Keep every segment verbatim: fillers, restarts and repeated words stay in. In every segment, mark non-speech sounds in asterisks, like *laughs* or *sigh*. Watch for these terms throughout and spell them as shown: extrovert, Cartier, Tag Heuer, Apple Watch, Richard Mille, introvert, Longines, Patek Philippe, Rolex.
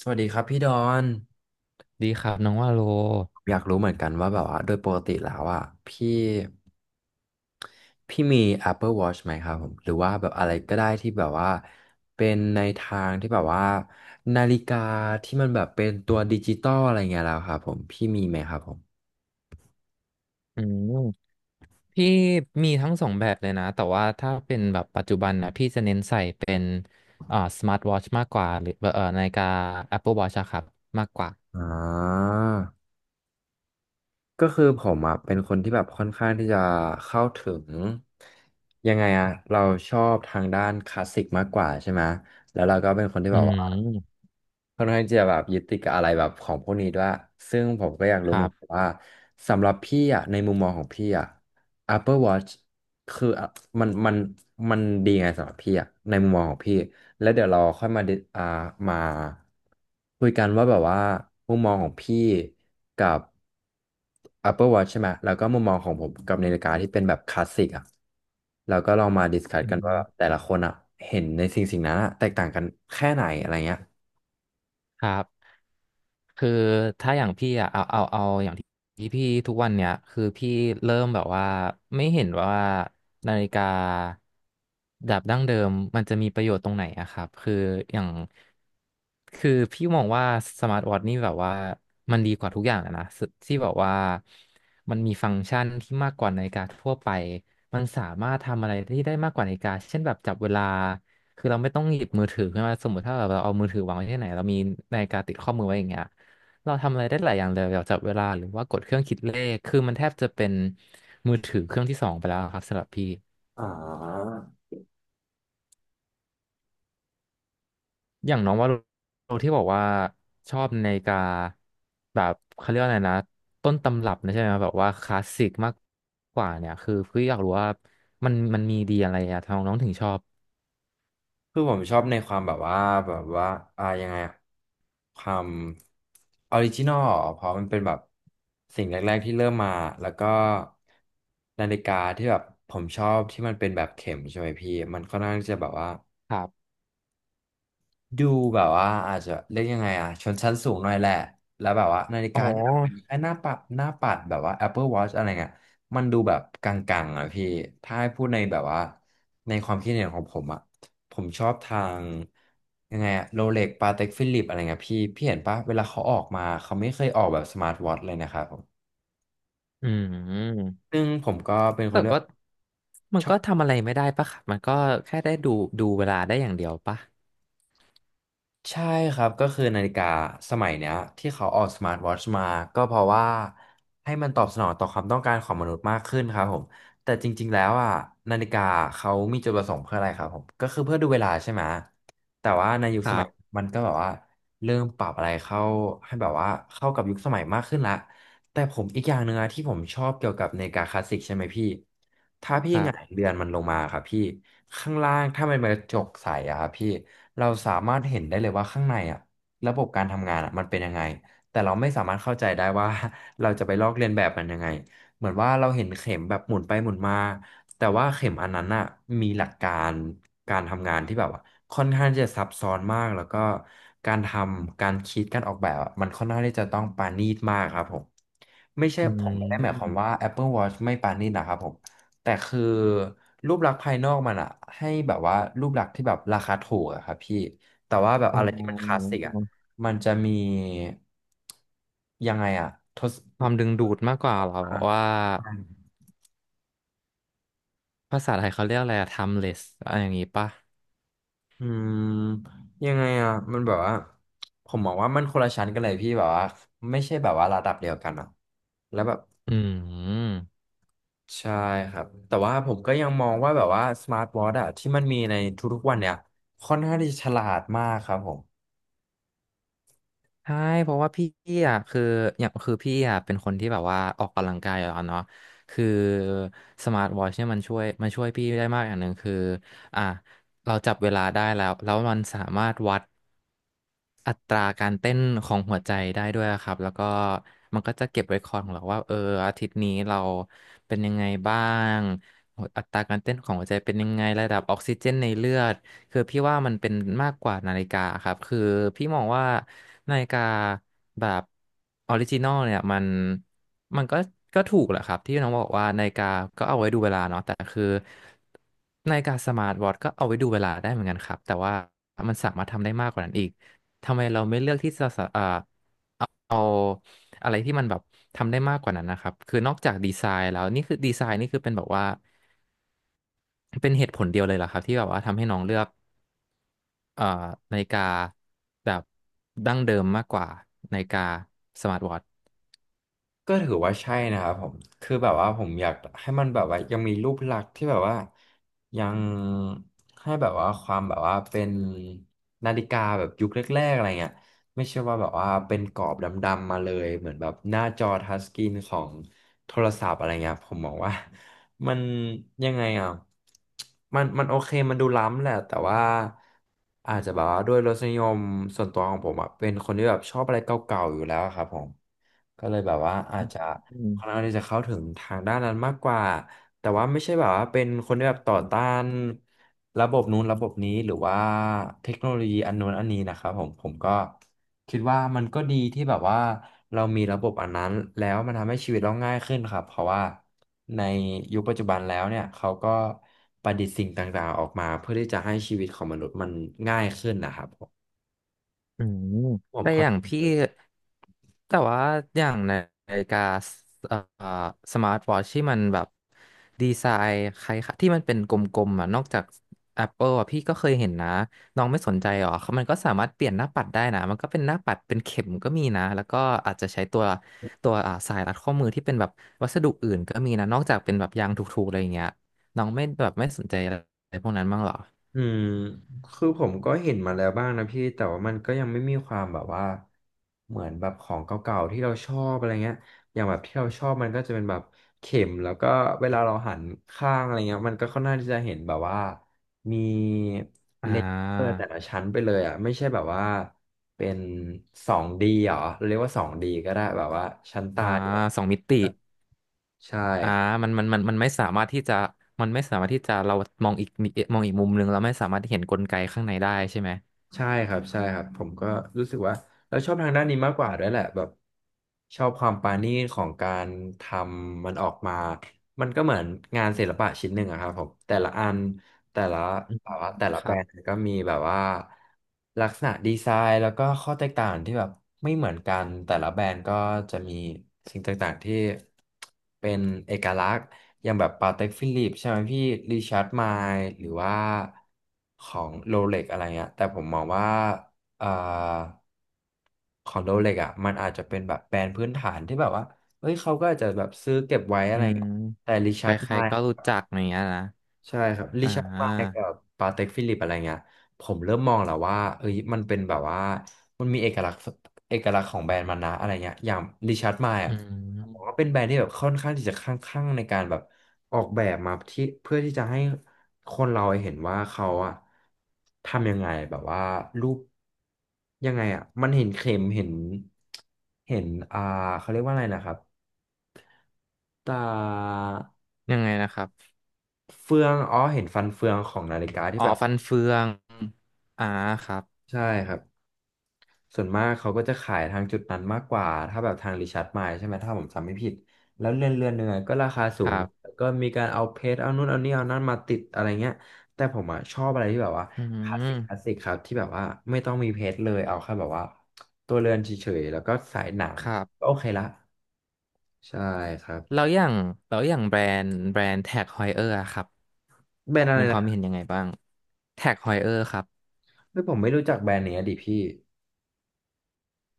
สวัสดีครับพี่ดอนดีครับน้องว่าโลผมอยากรู้เหมือนกันว่าแบบว่าโดยปกติแล้วอ่ะพี่พี่มี Apple Watch ไหมครับผมหรือว่าแบบอะไรก็ได้ที่แบบว่าเป็นในทางที่แบบว่านาฬิกาที่มันแบบเป็นตัวดิจิตอลอะไรเงี้ยแล้วครับผมพี่มีไหมครับผมอืมพี่มีทั้งสองแบบเลยนะแต่ว่าถ้าเป็นแบบปัจจุบันนะพี่จะเน้นใส่เป็นอ่าสมาร์ทวอทชมากกว่าหรือเอ่อนาฬิกา Apple Watch อะครับมากกว่า อ่า ก็คือผมอ่ะเป็นคนที่แบบค่อนข้างที่จะเข้าถึงยังไงอะเราชอบทางด้านคลาสสิกมากกว่าใช่ไหมแล้วเราก็เป็นคนที่อืแบบว่าม ค่อนข้างที่จะแบบยึดติดกับอะไรแบบของพวกนี้ด้วยซึ่งผมก็อยากรู้คเหรัมือนกันบว่าสำหรับพี่อ่ะในมุมมองของพี่อ่ะ Apple Watch คืออ่ะมันมันมันดีไงสำหรับพี่อะในมุมมองของพี่แล้วเดี๋ยวเราค่อยมาดิอ่ามาคุยกันว่าแบบว่ามุมมองของพี่กับ Apple Watch ใช่ไหมแล้วก็มุมมองของผมกับนาฬิกาที่เป็นแบบคลาสสิกอะแล้วก็ลองมาดิสคัสอืกันว่ามแต่ละคนอะเห็นในสิ่งสิ่งนั้นอะแตกต่างกันแค่ไหนอะไรเงี้ยครับ คือถ้าอย่างพี่อะเอาเอาเอาอย่างที่พี่ทุกวันเนี้ยคือพี่เริ่มแบบว่าไม่เห็นว่านาฬิกาแบบดั้งเดิมมันจะมีประโยชน์ตรงไหนอะครับคืออย่างคือพี่มองว่าสมาร์ทวอทช์นี่แบบว่ามันดีกว่าทุกอย่างอะนะสที่แบบว่ามันมีฟังก์ชันที่มากกว่านาฬิกาทั่วไปมันสามารถทำอะไรที่ได้มากกว่านาฬิกาเช่นแบบจับเวลาคือเราไม่ต้องหยิบมือถือขึ้นมาสมมติถ้าแบบเราเอามือถือวางไว้ที่ไหนเรามีนาฬิกาติดข้อมือไว้อย่างเงี้ย เราทำอะไรได้หลายอย่างเลยแบบจับเวลาหรือว่ากดเครื่องคิดเลขคือมันแทบจะเป็นมือถือเครื่องที่สองไปแล้วครับสำหรับพี่อ่า อย่างน้องว่าโรที่บอกว่าชอบนาฬิกาแบบเขาเรียกว่าอะไรนะต้นตำรับนะใช่ไหมแบบว่าคลาสสิกมากกว่าเนี่ยคือพี่อยากรู้ว่ามันมันมีดีอะไรอะทำไมน้องถึงชอบคือผมชอบในความแบบว่าแบบว่าอ่ายังไงอะความออริจินอลเพราะมันเป็นแบบสิ่งแรกๆที่เริ่มมาแล้วก็นาฬิกาที่แบบผมชอบที่มันเป็นแบบเข็มใช่ไหมพี่มันค่อนข้างที่จะแบบว่า ครับดูแบบว่าอาจจะเรียกยังไงอะชนชั้นสูงหน่อยแหละแล้วแบบว่านาฬิอ๋กาอที่แบบเป็นไอ้หน้าปัดหน้าปัดแบบว่า Apple Watch อะไรเงี้ยมันดูแบบกังๆอะพี่ถ้าให้พูดในแบบว่าในความคิดเห็นของผมอะผมชอบทางยังไงอะโรเล็กปาเต็กฟิลิปอะไรเงี้ยพี่พี่เห็นปะเวลาเขาออกมาเขาไม่เคยออกแบบสมาร์ทวอทช์เลยนะครับผมอืมซึ่งผมก็เป็นคแต่นที่ ก็มันก็ทำอะไรไม่ได้ปะครับมันก็แค่ได้ดูดูเวลาได้อย่างเดียวปะใช่ครับก็คือนาฬิกาสมัยเนี้ยที่เขาออกสมาร์ทวอทช์มาก็เพราะว่าให้มันตอบสนองต่อความต้องการของมนุษย์มากขึ้นครับผมแต่จริงๆแล้วอ่ะนาฬิกาเขามีจุดประสงค์เพื่ออะไรครับผมก็คือเพื่อดูเวลาใช่ไหมแต่ว่าในยุคคสรัมัยบมันก็แบบว่าเริ่มปรับอะไรเข้าให้แบบว่าเข้ากับยุคสมัยมากขึ้นละ แต่ผมอีกอย่างหนึ่งอะที่ผมชอบเกี่ยวกับนาฬิกาคลาสสิกใช่ไหมพี่ถ้าพี่ครัหงายบเรือนมันลงมาครับพี่ข้างล่างถ้ามันเป็นกระจกใสอะครับพี่เราสามารถเห็นได้เลยว่าข้างในอะระบบการทำงานอะมันเป็นยังไงแต่เราไม่สามารถเข้าใจได้ว่า *laughs* เราจะไปลอกเลียนแบบมันยังไงเหมือนว่าเราเห็นเข็มแบบหมุนไปหมุนมาแต่ว่าเข็มอันนั้นอะมีหลักการการทำงานที่แบบว่าค่อนข้างที่จะซับซ้อนมากแล้วก็การทำการคิดการออกแบบอะมันค่อนข้างที่จะต้องปาณีตมากครับผม ไม่ใช่อืผมไม่ได้หมายความว่า ม Apple Watch ไม่ปานนี่นะครับผมแต่คือรูปลักษณ์ภายนอกมันอะให้แบบว่ารูปลักษณ์ที่แบบราคาถูกอะครับพี่แต่ว่าแบบอ๋อะไรที่มันคลาสอสิกอะมันจะมียังไงอะทศความดึงดูดมากกว่าเหรออ่ะว่าภาษาไทยเขาเรียกอะไรอะ timeless อะไรอย่างงี้ปะอืมยังไงอะมันแบบว่าผมมองว่ามันคนละชั้นกันเลยพี่แบบว่าไม่ใช่แบบว่าระดับเดียวกันอะแล้วแบบ อืมใช่ครับแต่ว่าผมก็ยังมองว่าแบบว่าสมาร์ทวอทช์อะที่มันมีในทุกๆวันเนี่ยค่อนข้างที่ฉลาดมากครับผม ใช่เพราะว่าพี่อ่ะคืออย่างคือพี่อ่ะเป็นคนที่แบบว่าออกกำลังกายอยู่แล้วเนาะคือสมาร์ทวอทช์เนี่ยมันช่วยมันช่วยพี่ได้มากอย่างหนึ่งคืออ่ะเราจับเวลาได้แล้วแล้วมันสามารถวัด อัตราการเต้นของหัวใจได้ด้วยครับแล้วก็มันก็จะเก็บไว้คอร์ดของเราว่าเอออาทิตย์นี้เราเป็นยังไงบ้างหัวอัตราการเต้นของหัวใจเป็นยังไงระดับออกซิเจนในเลือดคือพี่ว่ามันเป็นมากกว่านาฬิกาครับคือพี่มองว่านาฬิกาแบบออริจินอลเนี่ยมันมันก็ก็ถูกแหละครับที่น้องบอกว่านาฬิกาก็เอาไว้ดูเวลาเนาะแต่คือนาฬิกาสมาร์ทวอทช์ก็เอาไว้ดูเวลาได้เหมือนกันครับแต่ว่ามันสามารถทำได้มากกว่านั้นอีก ทำไมเราไม่เลือกที่จะสะอ่าเอาเอาอะไรที่มันแบบทำได้มากกว่านั้นนะครับคือนอกจากดีไซน์แล้วนี่คือดีไซน์นี่คือเป็นแบบว่าเป็นเหตุผลเดียวเลยเหรอครับที่แบบว่าทำให้น้องเลือกเอ่อนาฬิกาแบบดั้งเดิมมากกว่านาฬิกาสมาร์ทวอทช์ก็ถือว่าใช่นะครับผมคือแบบว่าผมอยากให้มันแบบว่ายังมีรูปลักษณ์ที่แบบว่ายังให้แบบว่าความแบบว่าเป็นนาฬิกาแบบยุคแรกๆอะไรเงี้ยไม่ใช่ว่าแบบว่าเป็นกรอบดำๆมาเลยเหมือนแบบหน้าจอทัชสกรีนของโทรศัพท์อะไรเงี้ยผมมองว่า *laughs* มันยังไงอ่ะมันมันโอเคมันดูล้ำแหละแต่ว่าอาจจะแบบว่าด้วยรสนิยมส่วนตัวของผมอ่ะเป็นคนที่แบบชอบอะไรเก่าๆอยู่แล้วครับผม ก็เลยแบบว่าอาจจะอืค่อนมข้างที่จะเข้าถึงทางด้านนั้นมากกว่าแต่ว่าไม่ใช่แบบว่าเป็นคนที่แบบต่อต้านระบบนู้นระบบนี้หรือว่าเทคโนโลยีอันนู้นอันนี้นะครับผมผมก็คิดว่ามันก็ดีที่แบบว่าเรามีระบบอันนั้นแล้วมันทำให้ชีวิตเราง่ายขึ้นครับเพราะว่าในยุคปัจจุบันแล้วเนี่ยเขาก็ประดิษฐ์สิ่งต่างๆออกมาเพื่อที่จะให้ชีวิตของมนุษย์มันง่ายขึ้นนะครับผมอืมผมแต่อเข้าย่างพี่ ใจ แต่ว่าอย่างในนาฬิกาสเอ่อสมาร์ทวอทที่มันแบบดีไซน์คล้ายๆที่มันเป็นกลมๆอ่ะนอกจาก Apple อ่ะพี่ก็เคยเห็นนะน้องไม่สนใจหรอเขามันก็สามารถเปลี่ยนหน้าปัดได้นะมันก็เป็นหน้าปัดเป็นเข็มก็มีนะแล้วก็อาจจะใช้ตัวตัวอ่าสายรัดข้อมือที่เป็นแบบวัสดุอื่นก็มีนะนอกจากเป็นแบบยางถูกๆอะไรอย่างเงี้ยน้องไม่แบบไม่สนใจอะไรพวกนั้นบ้างหรออืมคือผมก็เห็นมาแล้วบ้างนะพี่แต่ว่ามันก็ยังไม่มีความแบบว่าเหมือนแบบของเก่าๆที่เราชอบอะไรเงี้ยอย่างแบบที่เราชอบมันก็จะเป็นแบบเข็มแล้วก็เวลาเราหันข้างอะไรเงี้ยมันก็ค่อนข้างที่จะเห็นแบบว่ามีอ่เลเยอร์าแต่ละชั้นไปเลยอ่ะไม่ใช่แบบว่าเป็นสองดีเหรอเราเรียกว่าสองดีก็ได้แบบว่าชั้นตาอ่าเดียวสองมิติ ใช่ อ่ามันมันมันมันไม่สามารถที่จะมันไม่สามารถที่จะเรามองอีกนิมองอีกมุมหนึ่งเราไม่สามารถที่เห็นกลไกข้างในได้ใช่ไหมใช่ครับใช่ครับผมก็รู้สึกว่าเราชอบทางด้านนี้มากกว่าด้วยแหละแบบชอบความปราณีตของการทำมันออกมามันก็เหมือนงานศิลปะชิ้นหนึ่งอะครับผมแต่ละอัน แต่ละอืมแบบว่าแต่ละคแบรัรบนด์ก็มีแบบว่าลักษณะดีไซน์แล้วก็ข้อแตกต่างที่แบบไม่เหมือนกันแต่ละแบรนด์ก็จะมีสิ่งต่างๆที่เป็นเอกลักษณ์อย่างแบบปาเต็กฟิลิปใช่ไหมพี่ริชาร์ดไมล์หรือว่าของโรเล็กอะไรเงี้ยแต่ผมมองว่าเอ่อของโรเล็กอ่ะมันอาจจะเป็นแบบแบรนด์พื้นฐานที่แบบว่าเฮ้ยเขาก็อาจจะแบบซื้อเก็บไว้อะอืไรมเงี้ยแต่ริใคชาร์ดไมรล์ ๆก็รู้จักอย่างเงี้ยนะใช่ครับริอ่ชาร์ดไมลากับปาเต็กฟิลิปอะไรเงี้ยผมเริ่มมองแล้วว่าเอ้ยมันเป็นแบบว่ามันมีเอกลักษณ์เอกลักษณ์ของแบรนด์มันนะอะไรเงี้ยอย่างริชาร์ดไมลอือ่ะผมว่ามเป็นแบรนด์ที่แบบค่อนข้างที่จะข้างข้างในการแบบออกแบบมาที่เพื่อที่จะให้คนเราเห็นว่าเขาอะทำยังไงแบบว่ารูปยังไงอะมันเห็นเข็มเห็นเห็นอ่าเขาเรียกว่าอะไรนะครับตายังไงนะครับเฟืองอ๋อเห็นฟันเฟืองของนาฬิกาที่อ๋อแบบ ฟันเฟืองอ่าครับใช่ครับส่วนมากเขาก็จะขายทางจุดนั้นมากกว่าถ้าแบบทางริชาร์ดมล์ใช่ไหมถ้าผมจำไม่ผิดแล้วเรือนเรือนหนึ่งอะก็ราคาสูคงรับแล้วก็มีการเอาเพชรเอานู่นเอานี่เอานั่นมาติดอะไรเงี้ยแต่ผมอ่ะชอบอะไรที่แบบว่าอืคลาสสิกคลาสมสิกครับที่แบบว่าไม่ต้องมีเพชรเลยเอาแค่แบบว่าตัวเรือนเฉยๆแล้วก็สายหนังครับก็โอเคละใช่ครับแล้วอย่างแล้วอย่างแบรนด์แบรนด์แท็กฮอยเออร์ครับแบรนด์อะไรมีคนะวาคมรับเห็นยังไงบ้างแท็กฮอยเออร์ครับไม่ผมไม่รู้จักแบรนด์เนี้ยดิพี่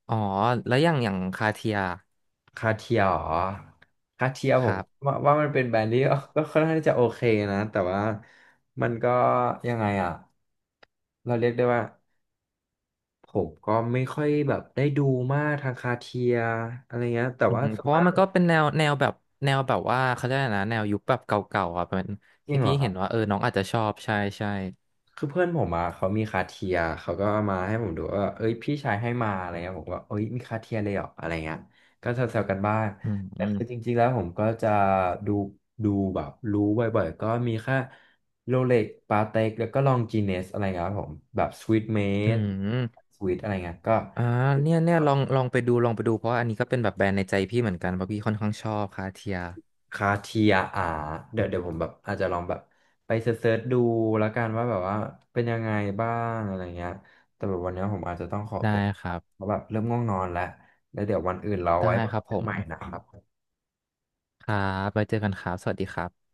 อ๋อแล้วอย่างอย่างคาเทียคาเทียเหรอคาเทียผคมรับ ว่าว่ามันเป็นแบรนด์ที่ *laughs* ก็ค่อนข้างที่จะโอเคนะแต่ว่ามันก็ยังไงอ่ะเราเรียกได้ว่าผมก็ไม่ค่อยแบบได้ดูมากทางคาเทียอะไรเงี้ยแต่อืว่ามส่เพวนราะว่ามากมันก็เป็นแนวแนวแบบแนวแบบว่าเขาเรียกอะไรนะแนวยุคแบบเก่าๆอ่ะเป็นจริให้งเหรพี่อคร เห็นว่าเออน้องอาจจะชอบใช่ใช่คือเพื่อนผมอ่ะเขามีคาเทียเขาก็เอามาให้ผมดูว่าเอ้ยพี่ชายให้มาอะไรเงี้ยผมก็เอ้ยมีคาเทียเลยเหรออะไรเงี้ยก็แซวๆกันบ้างอืมแต่อืมคือจริงๆแล้วผมก็จะดูดูแบบรู้บ่อยๆก็มีแค่โรเล็กปาเต็กแล้วก็ลองจีเนสอะไรเงี้ยครับผมแบบสวีทเมอืดมสวีทอะไรเงี้ยก็ อ่าเนี่ยเนี่ยลองลองไปดูลองไปดูเพราะว่าอันนี้ก็เป็นแบบแบรนด์ในใจพี่เหมือนกันเพราะพี่ค่อนข้างชอบคาเทียคาเทียอาเดี๋ยวเดี๋ยวผมแบบอาจจะลองแบบไปเซิร์ชๆดูแล้วกันว่าแบบว่าเป็นยังไงบ้างอะไรเงี้ยแต่แบบวันนี้ผมอาจจะต้องขอได้ตัวครับเพราะแบบเริ่มง่วงนอนแล้ว แล้วเดี๋ยววันอื่นเราได้ไว้มาครัคุบยผกันมใหม่นะครับครับไว้เจอกันครับสวัสดีครับ